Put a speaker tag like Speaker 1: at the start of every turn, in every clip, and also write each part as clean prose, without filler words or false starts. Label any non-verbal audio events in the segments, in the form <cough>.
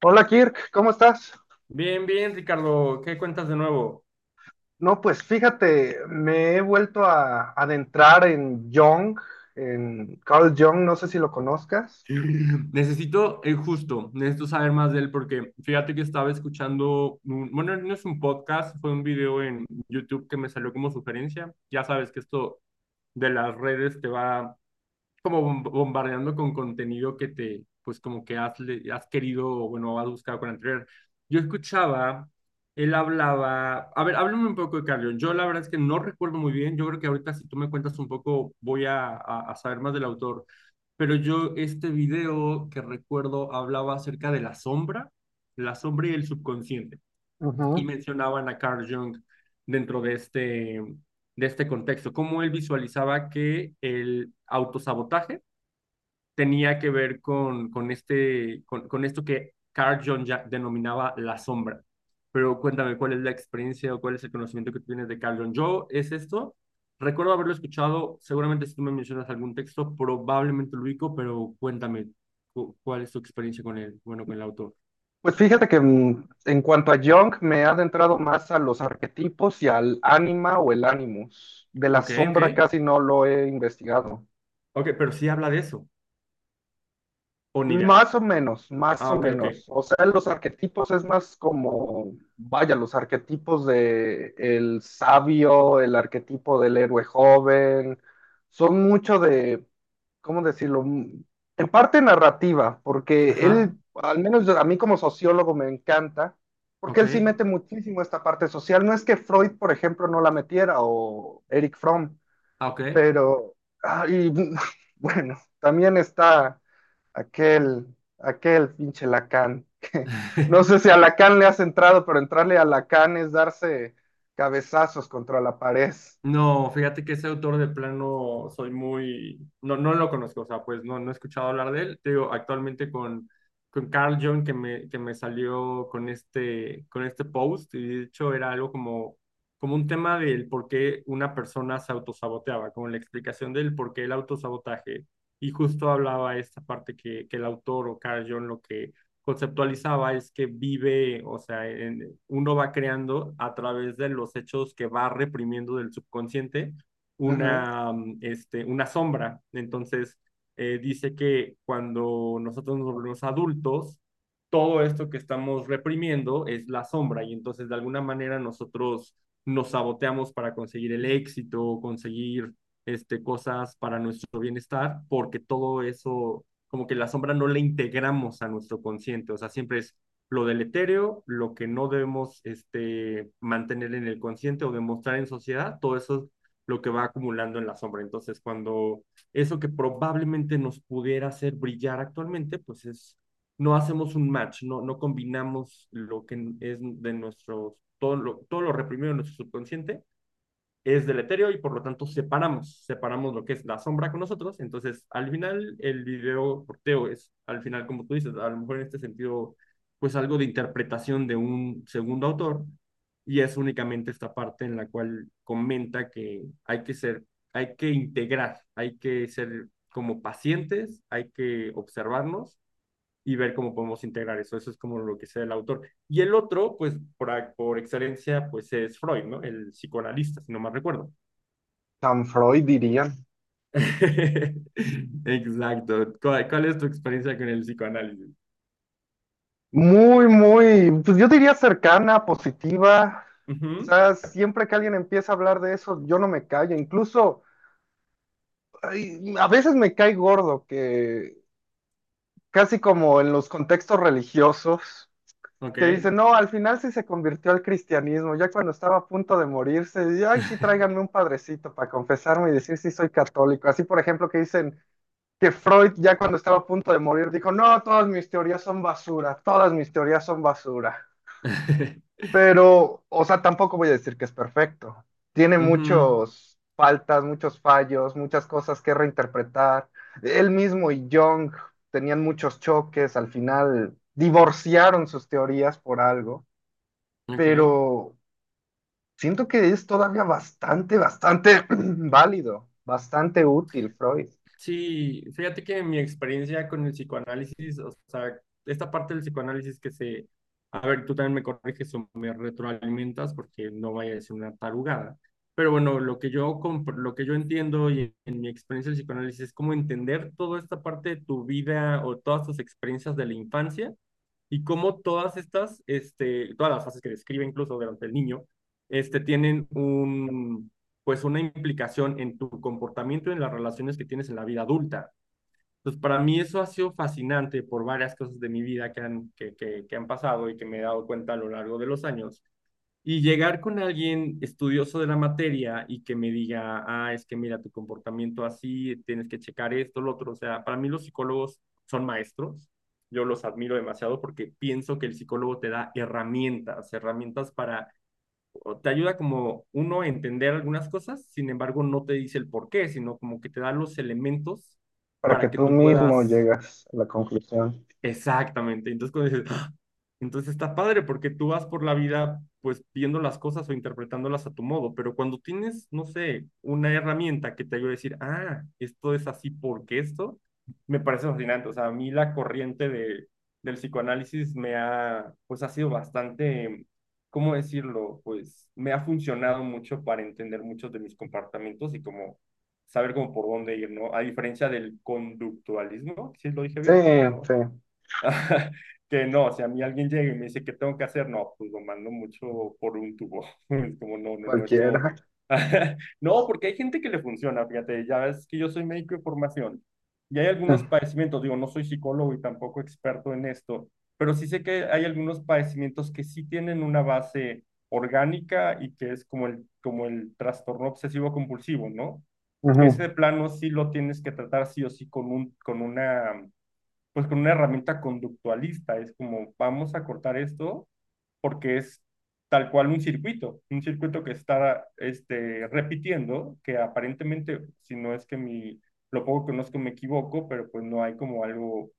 Speaker 1: Hola Kirk, ¿cómo estás?
Speaker 2: Bien, bien, Ricardo, ¿qué cuentas de nuevo?
Speaker 1: No, pues fíjate, me he vuelto a adentrar en Jung, en Carl Jung, no sé si lo conozcas.
Speaker 2: <laughs> Necesito, justo, necesito saber más de él porque fíjate que estaba escuchando, bueno, no es un podcast, fue un video en YouTube que me salió como sugerencia. Ya sabes que esto de las redes te va como bombardeando con contenido que te, pues como que has, has querido, o bueno, has buscado con anterior. Yo escuchaba, él hablaba, a ver, háblame un poco de Carrión. Yo la verdad es que no recuerdo muy bien, yo creo que ahorita si tú me cuentas un poco voy a, saber más del autor, pero yo este video que recuerdo hablaba acerca de la sombra y el subconsciente, y
Speaker 1: Ujú.
Speaker 2: mencionaban a Carl Jung dentro de este contexto, cómo él visualizaba que el autosabotaje tenía que ver este, con esto que Carl Jung ya denominaba la sombra. Pero cuéntame, ¿cuál es la experiencia o cuál es el conocimiento que tú tienes de Carl Jung? Yo, ¿es esto? Recuerdo haberlo escuchado, seguramente si tú me mencionas algún texto, probablemente lo ubico, pero cuéntame, ¿cuál es tu experiencia con el, bueno, con el autor?
Speaker 1: Pues fíjate que en cuanto a Jung, me he adentrado más a los arquetipos y al ánima o el animus. De la
Speaker 2: Ok, ok,
Speaker 1: sombra casi no lo he investigado.
Speaker 2: ok, pero sí habla de eso, o ni idea.
Speaker 1: Más o menos, más
Speaker 2: Ah,
Speaker 1: o
Speaker 2: ok, ok.
Speaker 1: menos. O sea, los arquetipos es más como, vaya, los arquetipos de el sabio, el arquetipo del héroe joven, son mucho de, ¿cómo decirlo? En parte narrativa, porque él,
Speaker 2: Ajá,
Speaker 1: al menos a mí como sociólogo me encanta, porque
Speaker 2: ok,
Speaker 1: él sí mete muchísimo esta parte social. No es que Freud, por ejemplo, no la metiera o Eric Fromm,
Speaker 2: ah, ok.
Speaker 1: pero, ay, <laughs> bueno, también está Aquel, aquel pinche Lacan. <laughs> No sé
Speaker 2: <laughs>
Speaker 1: si a Lacan le has entrado, pero entrarle a Lacan es darse cabezazos contra la pared.
Speaker 2: No, fíjate que ese autor de plano soy muy, no, no lo conozco, o sea, pues no, no he escuchado hablar de él. Te digo, actualmente con Carl Jung que me salió con este post, y de hecho era algo como, como un tema del por qué una persona se autosaboteaba, como la explicación del por qué el autosabotaje. Y justo hablaba esta parte que el autor o Carl Jung lo que conceptualizaba es que vive, o sea, uno va creando a través de los hechos que va reprimiendo del subconsciente
Speaker 1: Ujú.
Speaker 2: una, este, una sombra. Entonces, dice que cuando nosotros nos volvemos adultos, todo esto que estamos reprimiendo es la sombra y entonces de alguna manera nosotros nos saboteamos para conseguir el éxito, conseguir este, cosas para nuestro bienestar, porque todo eso como que la sombra no la integramos a nuestro consciente, o sea, siempre es lo deletéreo, lo que no debemos este, mantener en el consciente o demostrar en sociedad, todo eso es lo que va acumulando en la sombra. Entonces, cuando eso que probablemente nos pudiera hacer brillar actualmente, pues es, no hacemos un match, no, no combinamos lo que es de nuestro todo lo reprimido en nuestro subconsciente es deletéreo y por lo tanto separamos, separamos lo que es la sombra con nosotros. Entonces, al final, el video porteo es, al final, como tú dices, a lo mejor en este sentido, pues algo de interpretación de un segundo autor y es únicamente esta parte en la cual comenta que hay que ser, hay que integrar, hay que ser como pacientes, hay que observarnos y ver cómo podemos integrar eso. Eso es como lo que sea el autor. Y el otro, pues por excelencia, pues es Freud, ¿no? El psicoanalista, si no mal recuerdo.
Speaker 1: San Freud dirían.
Speaker 2: <laughs> Exacto. ¿Cuál, cuál es tu experiencia con el psicoanálisis?
Speaker 1: Muy, muy, pues yo diría cercana, positiva. O
Speaker 2: Ujú,
Speaker 1: sea, siempre que alguien empieza a hablar de eso, yo no me callo. Incluso, ay, a veces me cae gordo que casi como en los contextos religiosos.
Speaker 2: ok.
Speaker 1: Que dice, no, al final sí se convirtió al cristianismo, ya cuando estaba a punto de morirse, y, ay, sí, tráiganme un padrecito para confesarme y decir si soy católico. Así, por ejemplo, que dicen que Freud, ya cuando estaba a punto de morir, dijo, no, todas mis teorías son basura, todas mis teorías son basura.
Speaker 2: <laughs>
Speaker 1: Pero, o sea, tampoco voy a decir que es perfecto. Tiene
Speaker 2: Ujú,
Speaker 1: muchos faltas, muchos fallos, muchas cosas que reinterpretar. Él mismo y Jung tenían muchos choques, al final divorciaron sus teorías por algo,
Speaker 2: ok.
Speaker 1: pero siento que es todavía bastante, bastante <clears throat> válido, bastante útil, Freud,
Speaker 2: Sí, fíjate que mi experiencia con el psicoanálisis, o sea, esta parte del psicoanálisis que se, a ver, tú también me corriges o me retroalimentas porque no vaya a ser una tarugada. Pero bueno, lo que yo, lo que yo entiendo y en mi experiencia del psicoanálisis es como entender toda esta parte de tu vida o todas tus experiencias de la infancia y cómo todas estas, este, todas las fases que describe incluso durante el niño, este, tienen un, pues una implicación en tu comportamiento y en las relaciones que tienes en la vida adulta. Entonces, para mí eso ha sido fascinante por varias cosas de mi vida que han, que han pasado y que me he dado cuenta a lo largo de los años y llegar con alguien estudioso de la materia y que me diga, ah, es que mira tu comportamiento así, tienes que checar esto, lo otro. O sea, para mí los psicólogos son maestros. Yo los admiro demasiado porque pienso que el psicólogo te da herramientas, herramientas para, o te ayuda como uno a entender algunas cosas, sin embargo no te dice el por qué, sino como que te da los elementos
Speaker 1: para que
Speaker 2: para que
Speaker 1: tú
Speaker 2: tú
Speaker 1: mismo
Speaker 2: puedas
Speaker 1: llegas a la conclusión.
Speaker 2: exactamente. Entonces cuando dices, "Ah", entonces está padre porque tú vas por la vida pues viendo las cosas o interpretándolas a tu modo, pero cuando tienes, no sé, una herramienta que te ayude a decir, ah, esto es así porque esto, me parece fascinante. O sea, a mí la corriente de, del psicoanálisis me ha, pues ha sido bastante, ¿cómo decirlo? Pues me ha funcionado mucho para entender muchos de mis comportamientos y como saber cómo por dónde ir, ¿no? A diferencia del conductualismo, ¿sí lo dije
Speaker 1: Sí,
Speaker 2: bien?
Speaker 1: sí,
Speaker 2: No. <laughs> Que no, si a mí alguien llega y me dice, ¿qué tengo que hacer? No, pues lo mando mucho por un tubo. <laughs> Es como, no, no, no, esto...
Speaker 1: cualquiera. <laughs>
Speaker 2: <laughs> No, porque hay gente que le funciona, fíjate, ya ves que yo soy médico de formación y hay algunos
Speaker 1: Mm.
Speaker 2: padecimientos, digo, no soy psicólogo y tampoco experto en esto, pero sí sé que hay algunos padecimientos que sí tienen una base orgánica y que es como el trastorno obsesivo compulsivo, ¿no? Que
Speaker 1: Ujú.
Speaker 2: ese de plano sí lo tienes que tratar sí o sí con un, con una pues con una herramienta conductualista, es como vamos a cortar esto porque es tal cual un circuito que está este, repitiendo, que aparentemente, si no es que mi, lo poco que conozco me equivoco, pero pues no hay como algo,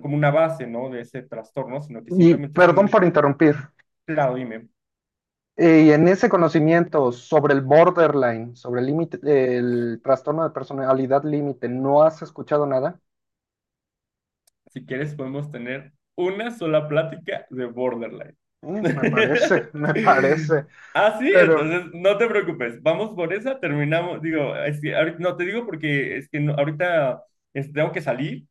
Speaker 2: como una base, ¿no? De ese trastorno, sino que
Speaker 1: Y
Speaker 2: simplemente es
Speaker 1: perdón
Speaker 2: un,
Speaker 1: por interrumpir.
Speaker 2: claro, dime,
Speaker 1: Y en ese conocimiento sobre el borderline, sobre el límite, el trastorno de personalidad límite, ¿no has escuchado nada?
Speaker 2: si quieres podemos tener una sola plática de Borderline.
Speaker 1: Mm, me
Speaker 2: <laughs>
Speaker 1: parece, <laughs> me parece,
Speaker 2: Ah, sí,
Speaker 1: pero
Speaker 2: entonces no te preocupes, vamos por esa, terminamos, digo, es que ahorita- no te digo porque es que no- ahorita este, tengo que salir,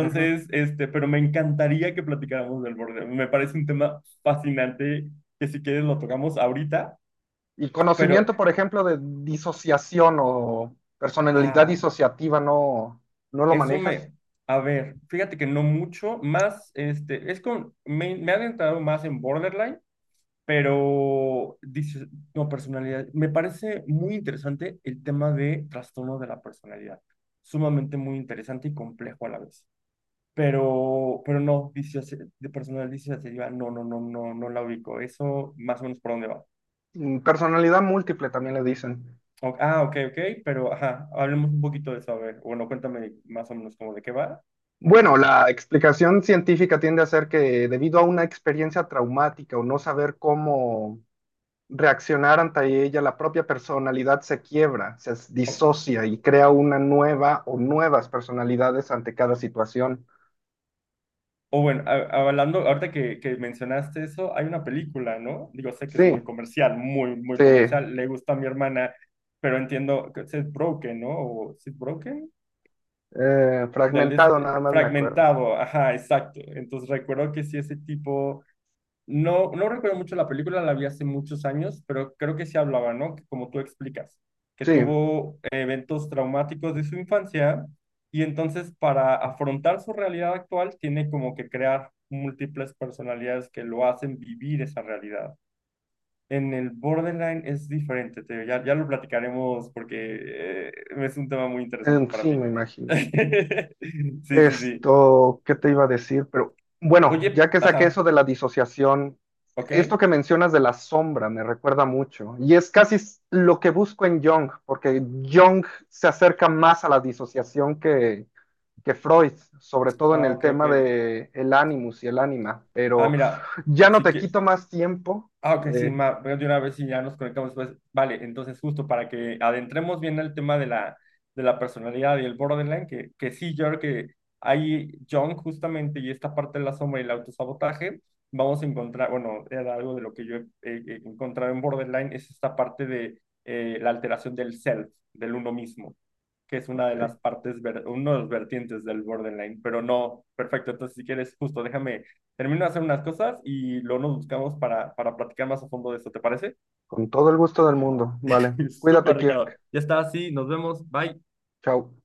Speaker 1: ujú.
Speaker 2: este, pero me encantaría que platicáramos del Borderline, me parece un tema fascinante que si quieres lo tocamos ahorita,
Speaker 1: Y
Speaker 2: pero
Speaker 1: conocimiento, por ejemplo, de disociación o personalidad
Speaker 2: ah,
Speaker 1: disociativa, ¿no, no lo
Speaker 2: eso
Speaker 1: manejas?
Speaker 2: me... A ver, fíjate que no mucho, más, este, es con, me he adentrado más en Borderline, pero dices, no, personalidad. Me parece muy interesante el tema de trastorno de la personalidad. Sumamente muy interesante y complejo a la vez. Pero no, de personal disociativa, no, no, no, no, no la ubico. Eso más o menos por dónde va.
Speaker 1: Personalidad múltiple también le dicen.
Speaker 2: Ah, ok, ok, pero ajá, hablemos un poquito de eso, a ver. Bueno, cuéntame más o menos cómo de qué va.
Speaker 1: Bueno, la explicación científica tiende a ser que debido a una experiencia traumática o no saber cómo reaccionar ante ella, la propia personalidad se quiebra, disocia y crea una nueva o nuevas personalidades ante cada situación.
Speaker 2: O bueno, hablando, ahorita que mencionaste eso, hay una película, ¿no? Digo, sé que es
Speaker 1: Sí,
Speaker 2: muy comercial, muy, muy
Speaker 1: sí,
Speaker 2: comercial, le gusta a mi hermana, pero entiendo que es Broken, ¿no? O Seth Broken, del
Speaker 1: fragmentado
Speaker 2: este,
Speaker 1: nada más me acuerdo.
Speaker 2: fragmentado, ajá, exacto. Entonces recuerdo que sí, ese tipo no, no recuerdo mucho la película, la vi hace muchos años, pero creo que sí hablaba, ¿no? Que como tú explicas, que
Speaker 1: Sí.
Speaker 2: tuvo eventos traumáticos de su infancia y entonces para afrontar su realidad actual tiene como que crear múltiples personalidades que lo hacen vivir esa realidad. En el borderline es diferente, te digo, ya, ya lo platicaremos porque es un tema muy interesante para
Speaker 1: Sí,
Speaker 2: mí.
Speaker 1: me imagino.
Speaker 2: <laughs> Sí, sí, sí.
Speaker 1: Esto, ¿qué te iba a decir? Pero bueno, ya
Speaker 2: Oye,
Speaker 1: que saqué
Speaker 2: ajá,
Speaker 1: eso de la disociación,
Speaker 2: ok,
Speaker 1: esto que mencionas de la sombra me recuerda mucho. Y es lo que busco en Jung, porque Jung se acerca más a la disociación que Freud, sobre todo en
Speaker 2: ah,
Speaker 1: el
Speaker 2: ok, ok.
Speaker 1: tema de el animus y el ánima.
Speaker 2: Ah,
Speaker 1: Pero
Speaker 2: mira,
Speaker 1: ya no
Speaker 2: sí
Speaker 1: te
Speaker 2: que
Speaker 1: quito más tiempo.
Speaker 2: ah, ok, sí,
Speaker 1: Eh,
Speaker 2: ma, veo de una vez si ya nos conectamos después. Vale, entonces justo para que adentremos bien el tema de la personalidad y el borderline, que sí, yo creo que ahí John justamente y esta parte de la sombra y el autosabotaje, vamos a encontrar, bueno, era algo de lo que yo he, he encontrado en borderline, es esta parte de la alteración del self, del uno mismo que es una de las
Speaker 1: ok.
Speaker 2: partes, ver, uno de los vertientes del borderline, pero no, perfecto, entonces si quieres, justo déjame, termino de hacer unas cosas y luego nos buscamos para platicar más a fondo de esto, ¿te parece?
Speaker 1: Con todo el gusto del mundo. Vale.
Speaker 2: <laughs>
Speaker 1: Cuídate,
Speaker 2: Súper, Ricardo.
Speaker 1: Kirk.
Speaker 2: Ya está, sí, nos vemos, bye.
Speaker 1: Chao.